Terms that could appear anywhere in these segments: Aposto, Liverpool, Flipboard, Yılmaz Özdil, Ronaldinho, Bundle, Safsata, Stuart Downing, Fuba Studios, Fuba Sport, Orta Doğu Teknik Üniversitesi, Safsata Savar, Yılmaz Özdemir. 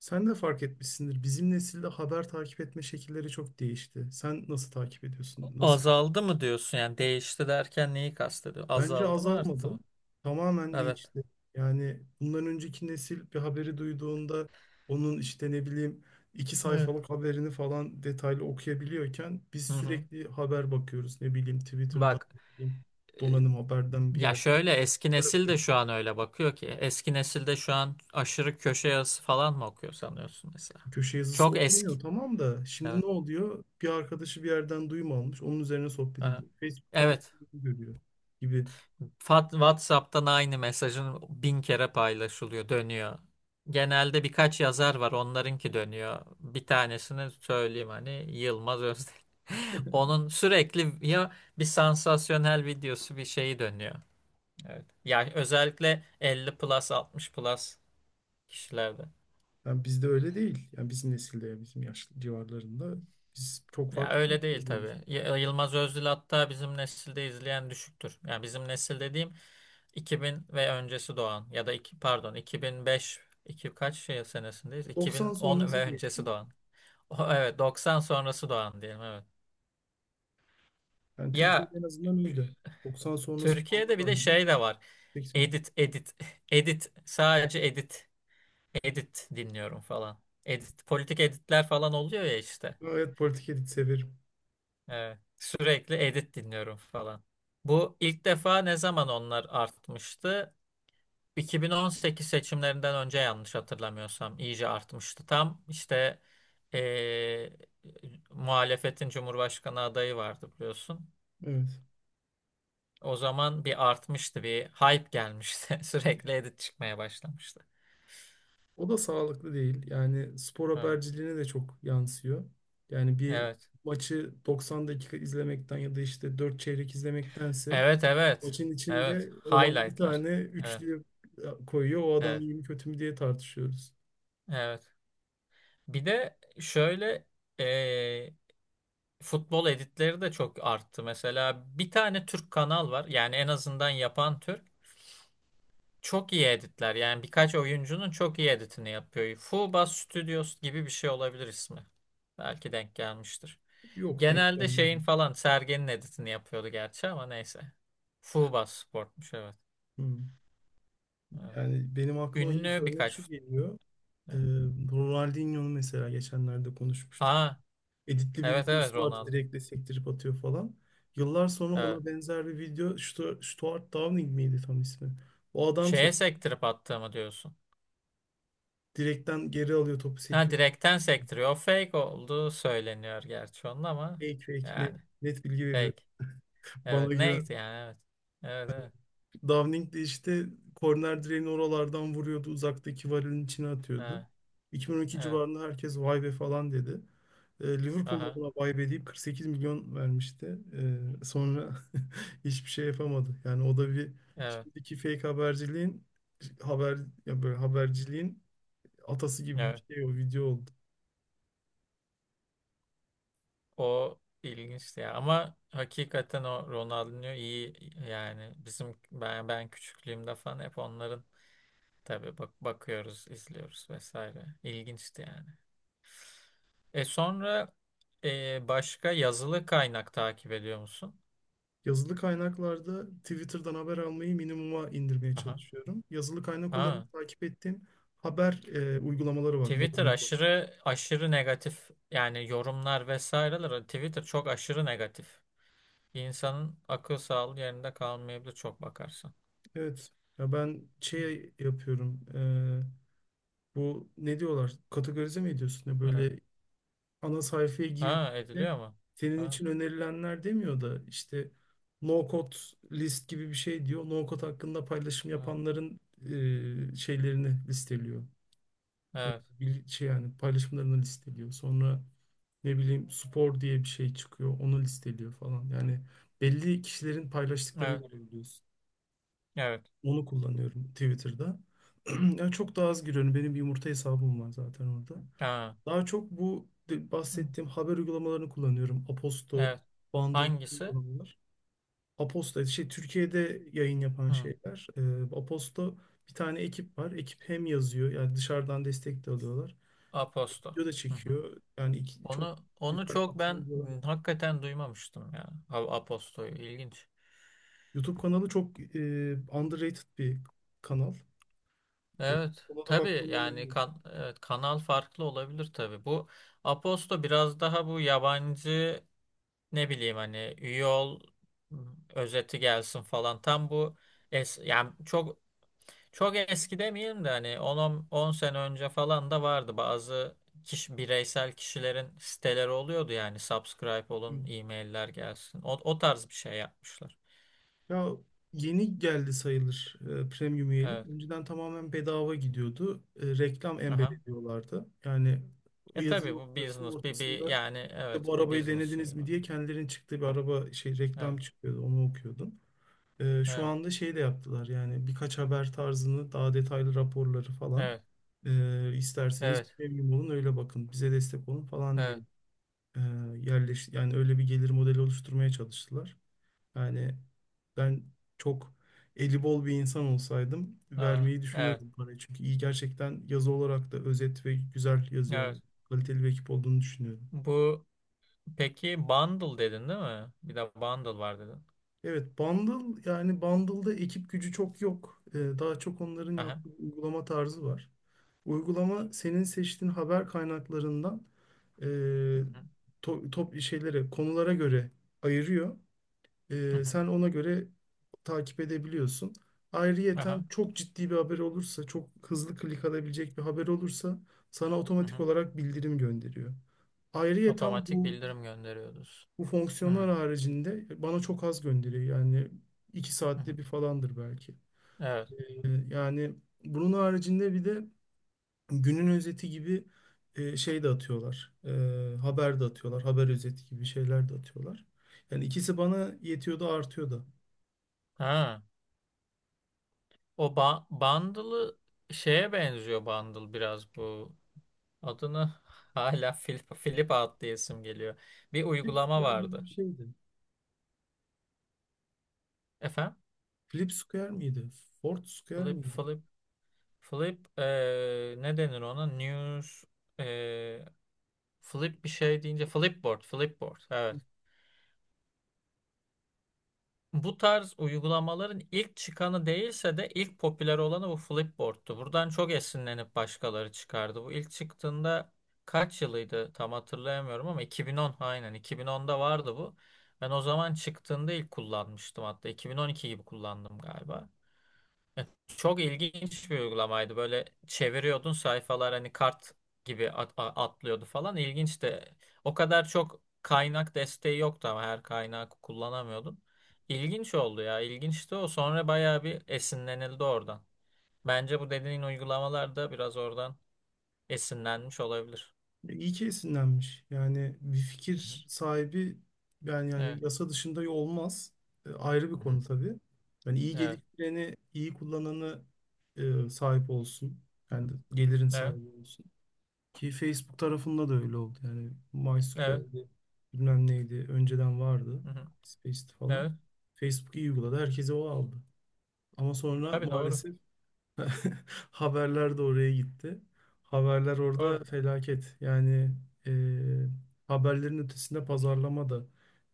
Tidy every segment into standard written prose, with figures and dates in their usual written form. Sen de fark etmişsindir. Bizim nesilde haber takip etme şekilleri çok değişti. Sen nasıl takip ediyorsun? Nasıl? Azaldı mı diyorsun yani değişti derken neyi kastediyor? Bence Azaldı mı, arttı azalmadı. mı? Tamamen Evet. değişti. Yani bundan önceki nesil bir haberi duyduğunda onun işte ne bileyim iki Evet. sayfalık haberini falan detaylı okuyabiliyorken biz Hı hı. sürekli haber bakıyoruz. Ne bileyim Twitter'dan, Bak, ne bileyim e, donanım haberden bir ya yerden şöyle eski haber nesil de okuyoruz. şu an öyle bakıyor ki. Eski nesilde şu an aşırı köşe yazısı falan mı okuyor sanıyorsun mesela? Köşe yazısı Çok eski. okumuyor tamam da şimdi Evet. ne oluyor? Bir arkadaşı bir yerden duyum almış. Onun üzerine sohbet Aha. ediyor. Facebook'tan Evet. görüyor gibi. WhatsApp'tan aynı mesajın bin kere paylaşılıyor, dönüyor. Genelde birkaç yazar var, onlarınki dönüyor. Bir tanesini söyleyeyim hani Yılmaz Özdemir. Onun sürekli ya bir sansasyonel videosu bir şeyi dönüyor. Evet. Yani özellikle 50+ 60+ kişilerde. Yani bizde öyle değil. Yani bizim nesilde ya bizim yaşlı civarlarında biz çok Ya farklı öyle takip değil ediyoruz. tabii. Yılmaz Özdil hatta bizim nesilde izleyen düşüktür. Yani bizim nesil dediğim 2000 ve öncesi doğan ya da pardon, 2005, iki kaç şey senesindeyiz? 90 2010 ve sonrası öncesi diyelim. doğan. O, evet, 90 sonrası doğan diyelim, evet. Yani Ya Türkiye'de en azından öyle. 90 sonrası Türkiye'de doğanlar bir de ayrı. şey de var. 80. Edit, edit, edit, sadece edit, edit dinliyorum falan. Edit politik editler falan oluyor ya işte. Evet politik edit severim. Evet. Sürekli edit dinliyorum falan. Bu ilk defa ne zaman onlar artmıştı? 2018 seçimlerinden önce, yanlış hatırlamıyorsam, iyice artmıştı. Tam işte eee, muhalefetin Cumhurbaşkanı adayı vardı, biliyorsun. Evet. O zaman bir artmıştı, bir hype gelmişti. Sürekli edit çıkmaya başlamıştı. O da sağlıklı değil. Yani spor Evet. haberciliğine de çok yansıyor. Yani bir Evet. maçı 90 dakika izlemekten ya da işte 4 çeyrek izlemektense Evet, evet. maçın Evet. içinde olan bir Highlightlar. tane Evet, üçlü koyuyor. O adam evet, iyi mi kötü mü diye tartışıyoruz. evet. Bir de şöyle eee, futbol editleri de çok arttı. Mesela bir tane Türk kanal var. Yani en azından yapan Türk. Çok iyi editler, yani birkaç oyuncunun çok iyi editini yapıyor. Fuba Studios gibi bir şey olabilir ismi. Belki denk gelmiştir. Yok denk Genelde gelmedi. şeyin falan, Sergen'in editini yapıyordu gerçi, ama neyse. Fuba Sport'muş, evet. Hmm. Evet. Yani benim aklıma ilk Ünlü örnek birkaç şu geliyor. Ee, evet. Ronaldinho mesela geçenlerde konuşmuştuk. Ha, Editli bir evet evet, videosu vardı Ronaldo. direktle sektirip atıyor falan. Yıllar sonra Evet. ona benzer bir video Stuart Downing miydi tam ismi? O adam şey Şeye sektirip attığımı diyorsun. direkten geri alıyor topu Ha, sekiyor. direkten sektiriyor. O fake olduğu söyleniyor gerçi onun ama Fake fake net, yani net bilgi veriyor. fake. Evet, Bana güven. neydi yani, evet. Evet, evet. Downing de işte korner direğini oralardan vuruyordu. Uzaktaki varilin içine atıyordu. Evet. 2012 Evet. civarında herkes vay be falan dedi. Liverpool da Aha. buna vay be deyip 48 milyon vermişti. Sonra hiçbir şey yapamadı. Yani o da bir Evet, şimdiki fake haberciliğin haber ya böyle haberciliğin atası gibi evet. bir şey o video oldu. O ilginçti ya. Ama hakikaten o Ronaldinho iyi, yani bizim ben küçüklüğümde falan hep onların, tabii bak, bakıyoruz, izliyoruz vesaire. İlginçti yani. E sonra, başka yazılı kaynak takip ediyor musun? Yazılı kaynaklarda Twitter'dan haber almayı minimuma indirmeye Aha. çalışıyorum. Yazılı kaynak Ha. olarak takip ettiğim haber uygulamaları var, mobil Twitter uygulamaları. aşırı aşırı negatif, yani yorumlar vesaireler. Twitter çok aşırı negatif. İnsanın akıl sağlığı yerinde kalmayabilir çok bakarsan. Evet. Ya ben şey yapıyorum. Bu ne diyorlar? Kategorize mi ediyorsun? Ya Evet. böyle ana sayfaya Ha, girdiğinde ediliyor mu? senin Ha, için önerilenler demiyor da işte no code list gibi bir şey diyor. No code hakkında paylaşım ha. yapanların şeylerini listeliyor. Eee, Evet. şey yani paylaşımlarını listeliyor. Sonra ne bileyim spor diye bir şey çıkıyor. Onu listeliyor falan. Yani belli kişilerin paylaştıklarını Evet. görebiliyorsun. Evet. Onu kullanıyorum Twitter'da. Yani çok daha az giriyorum. Benim bir yumurta hesabım var zaten orada. Ha. Daha çok bu Hı. bahsettiğim haber uygulamalarını kullanıyorum. Aposto, Evet. Bundle Hangisi? uygulamalar. Aposto şey Türkiye'de yayın yapan Hı. şeyler. Aposto bir tane ekip var. Ekip hem yazıyor yani dışarıdan destek de alıyorlar. Aposto. Video da Hı hı. çekiyor. Yani çok Onu güzel çok ben, kapsamlı bir alan. Hakikaten duymamıştım ya. Aposto'yu ilginç. YouTube kanalı çok underrated bir kanal. E, Evet. ona da Tabii bakmanı yani öneririm. Evet, kanal farklı olabilir tabii. Bu Aposto biraz daha bu yabancı, ne bileyim, hani üye ol, hı, özeti gelsin falan. Tam bu yani Çok eski demeyeyim de hani 10 sene önce falan da vardı bazı bireysel kişilerin siteleri oluyordu, yani subscribe olun, e-mailler gelsin. O, o tarz bir şey yapmışlar. Ya yeni geldi sayılır premium üyelik. Evet. Önceden tamamen bedava gidiyordu. Reklam embed Aha. ediyorlardı. Yani o E yazıyı tabii bu okuyorsun business bir ortasında yani, ya evet, bu bir arabayı business denediniz şeyi mi var. diye kendilerinin çıktığı bir araba şey reklam Evet. çıkıyordu. Onu okuyordum. Şu Evet. anda şey de yaptılar yani birkaç haber tarzını daha detaylı raporları falan Evet. İsterseniz Evet. premium olun öyle bakın bize destek olun falan diye Evet. e, yerleş yani öyle bir gelir modeli oluşturmaya çalıştılar. Yani ben çok eli bol bir insan olsaydım Aa, vermeyi evet. düşünürdüm parayı. Çünkü iyi gerçekten yazı olarak da özet ve güzel yazıyorlar. Evet. Kaliteli bir ekip olduğunu düşünüyorum. Bu peki bundle dedin, değil mi? Bir de bundle var dedin. Evet, Bundle yani Bundle'da ekip gücü çok yok. Daha çok onların Aha. yaptığı uygulama tarzı var. Uygulama senin seçtiğin haber kaynaklarından e, Hı hı. Top şeylere, konulara göre ayırıyor. Hı Ee, hı. sen ona göre takip edebiliyorsun. Aha. Ayrıyeten çok ciddi bir haber olursa, çok hızlı klik alabilecek bir haber olursa sana Hı otomatik hı. olarak bildirim gönderiyor. Ayrıyeten Otomatik bu, bildirim gönderiyoruz. bu Hı fonksiyonlar haricinde bana çok az gönderiyor. Yani iki hı. saatte bir falandır belki. Evet. Yani bunun haricinde bir de günün özeti gibi şey de atıyorlar. Haber de atıyorlar. Haber özeti gibi şeyler de atıyorlar. Yani ikisi bana yetiyor da artıyor da. Ha. O bundle'ı şeye benziyor bundle biraz bu. Adını hala Flip, Flip Out diye isim geliyor. Bir Flip uygulama Square gibi vardı. bir şeydi. Efendim? Flip Square miydi? Ford Square Flip, miydi? Flip, Flip ne denir ona? News eee, Flip bir şey deyince Flipboard, Flipboard. Evet. Bu tarz uygulamaların ilk çıkanı değilse de ilk popüler olanı bu Flipboard'tu. Buradan çok esinlenip başkaları çıkardı. Bu ilk çıktığında kaç yılıydı tam hatırlayamıyorum ama 2010, aynen 2010'da vardı bu. Ben o zaman çıktığında ilk kullanmıştım hatta 2012 gibi kullandım galiba. Çok ilginç bir uygulamaydı. Böyle çeviriyordun sayfalar hani kart gibi atlıyordu falan. İlginçti. O kadar çok kaynak desteği yoktu, ama her kaynağı kullanamıyordun. İlginç oldu ya. İlginçti o. Sonra bayağı bir esinlenildi oradan. Bence bu dediğin uygulamalar da biraz oradan esinlenmiş olabilir. İyi ki esinlenmiş. Yani bir Hı hı. fikir sahibi yani Evet. yasa dışında olmaz. Ayrı bir Hı hı. konu tabii. Yani iyi Evet. geliştireni, iyi kullananı sahip olsun. Hı hı. Yani gelirin Evet. sahibi olsun. Ki Facebook tarafında da öyle oldu. Yani Evet. MySQL'di, bilmem neydi, önceden vardı. Hı hı. Space'ti falan. Evet. Facebook iyi uyguladı, herkese o aldı. Ama sonra Tabii, doğru. maalesef haberler de oraya gitti. Haberler Doğru. orada felaket. Yani e, haberlerin ötesinde pazarlama da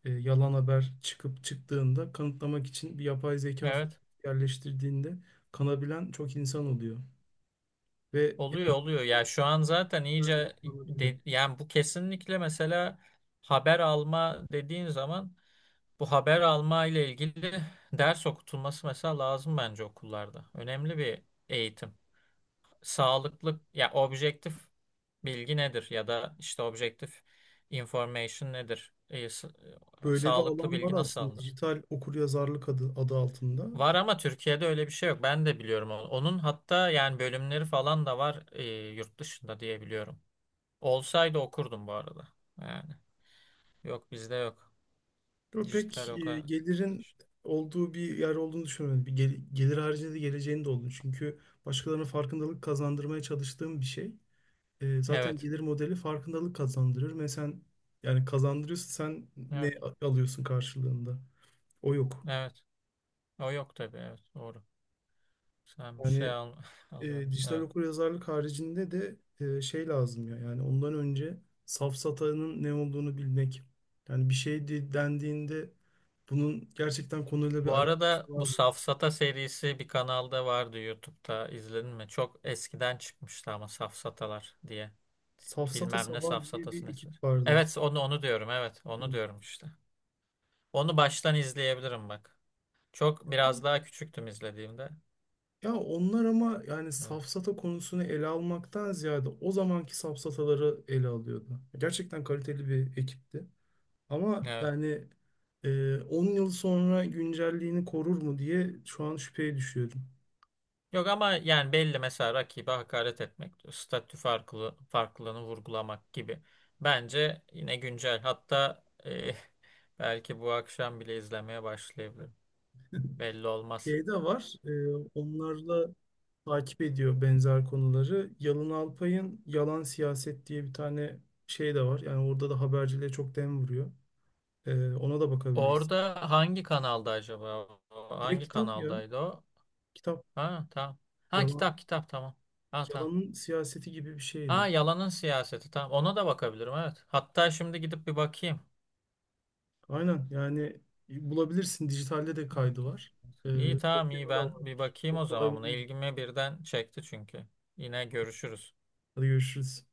yalan haber çıkıp çıktığında kanıtlamak için bir yapay zeka Evet. yerleştirdiğinde kanabilen çok insan oluyor. Ve Oluyor, yani bu oluyor ya, bizzat şu an zaten filmlerde de iyice kullanıldı. Yani bu kesinlikle mesela haber alma dediğin zaman, bu haber alma ile ilgili ders okutulması mesela lazım bence okullarda. Önemli bir eğitim. Sağlıklı ya objektif bilgi nedir ya da işte objektif information nedir? E, Böyle bir sağlıklı alan var bilgi nasıl aslında alınır? dijital okuryazarlık adı altında. Var, ama Türkiye'de öyle bir şey yok. Ben de biliyorum onu. Onun hatta yani bölümleri falan da var, yurt dışında diye biliyorum. Olsaydı okurdum bu arada. Yani yok, bizde yok. Yo, Pek Dijital o kadar. gelirin olduğu bir yer olduğunu düşünmüyorum. Bir gelir haricinde de geleceğini de olduğunu. Çünkü başkalarına farkındalık kazandırmaya çalıştığım bir şey. Zaten Evet. gelir modeli farkındalık kazandırır. Mesela yani kazandırıyorsa sen ne Evet. Alıyorsun karşılığında? O yok. Evet. O yok tabii. Evet. Doğru. Sen bir şey Yani al alıyor musun? dijital Evet. okuryazarlık haricinde de şey lazım ya. Yani ondan önce safsatanın ne olduğunu bilmek. Yani bir şey dendiğinde bunun gerçekten konuyla bir Bu arada alakası bu var. Safsata serisi bir kanalda vardı YouTube'da. İzledin mi? Çok eskiden çıkmıştı ama Safsatalar diye. Safsata Bilmem ne Savar diye Safsatası bir ekip nesi. vardı. Evet, onu onu diyorum. Evet, Hı. onu diyorum işte. Onu baştan izleyebilirim bak. Çok Ama- biraz daha küçüktüm izlediğimde. Ya onlar ama yani Evet. safsata konusunu ele almaktan ziyade o zamanki safsataları ele alıyordu. Gerçekten kaliteli bir ekipti. Ama Evet. yani 10 yıl sonra güncelliğini korur mu diye şu an şüpheye düşüyorum. Yok ama yani belli, mesela rakibe hakaret etmek, statü farklılığını vurgulamak gibi. Bence yine güncel. Hatta eh, belki bu akşam bile izlemeye başlayabilirim. Belli olmaz. Şey de var, onlarla takip ediyor benzer konuları. Yalın Alpay'ın Yalan Siyaset diye bir tane şey de var. Yani orada da haberciliğe çok dem vuruyor. Ona da bakabiliriz. Orada hangi kanalda acaba? O? Direkt Hangi kitap ya. kanaldaydı o? Kitap. Ha, tamam. Ha, Yalan. kitap kitap, tamam. Ha, tamam. Yalanın siyaseti gibi bir Ha, şeydi. yalanın siyaseti, tamam. Ona da bakabilirim, evet. Hatta şimdi gidip bir bakayım. Aynen yani bulabilirsin. Dijitalde de Hı hı. kaydı var. Ee, İyi, tamam, iyi, okuyana da ben bir vardır. bakayım Çok o kolay zaman buna. bulmuş. İlgimi birden çekti çünkü. Yine görüşürüz. Hadi görüşürüz.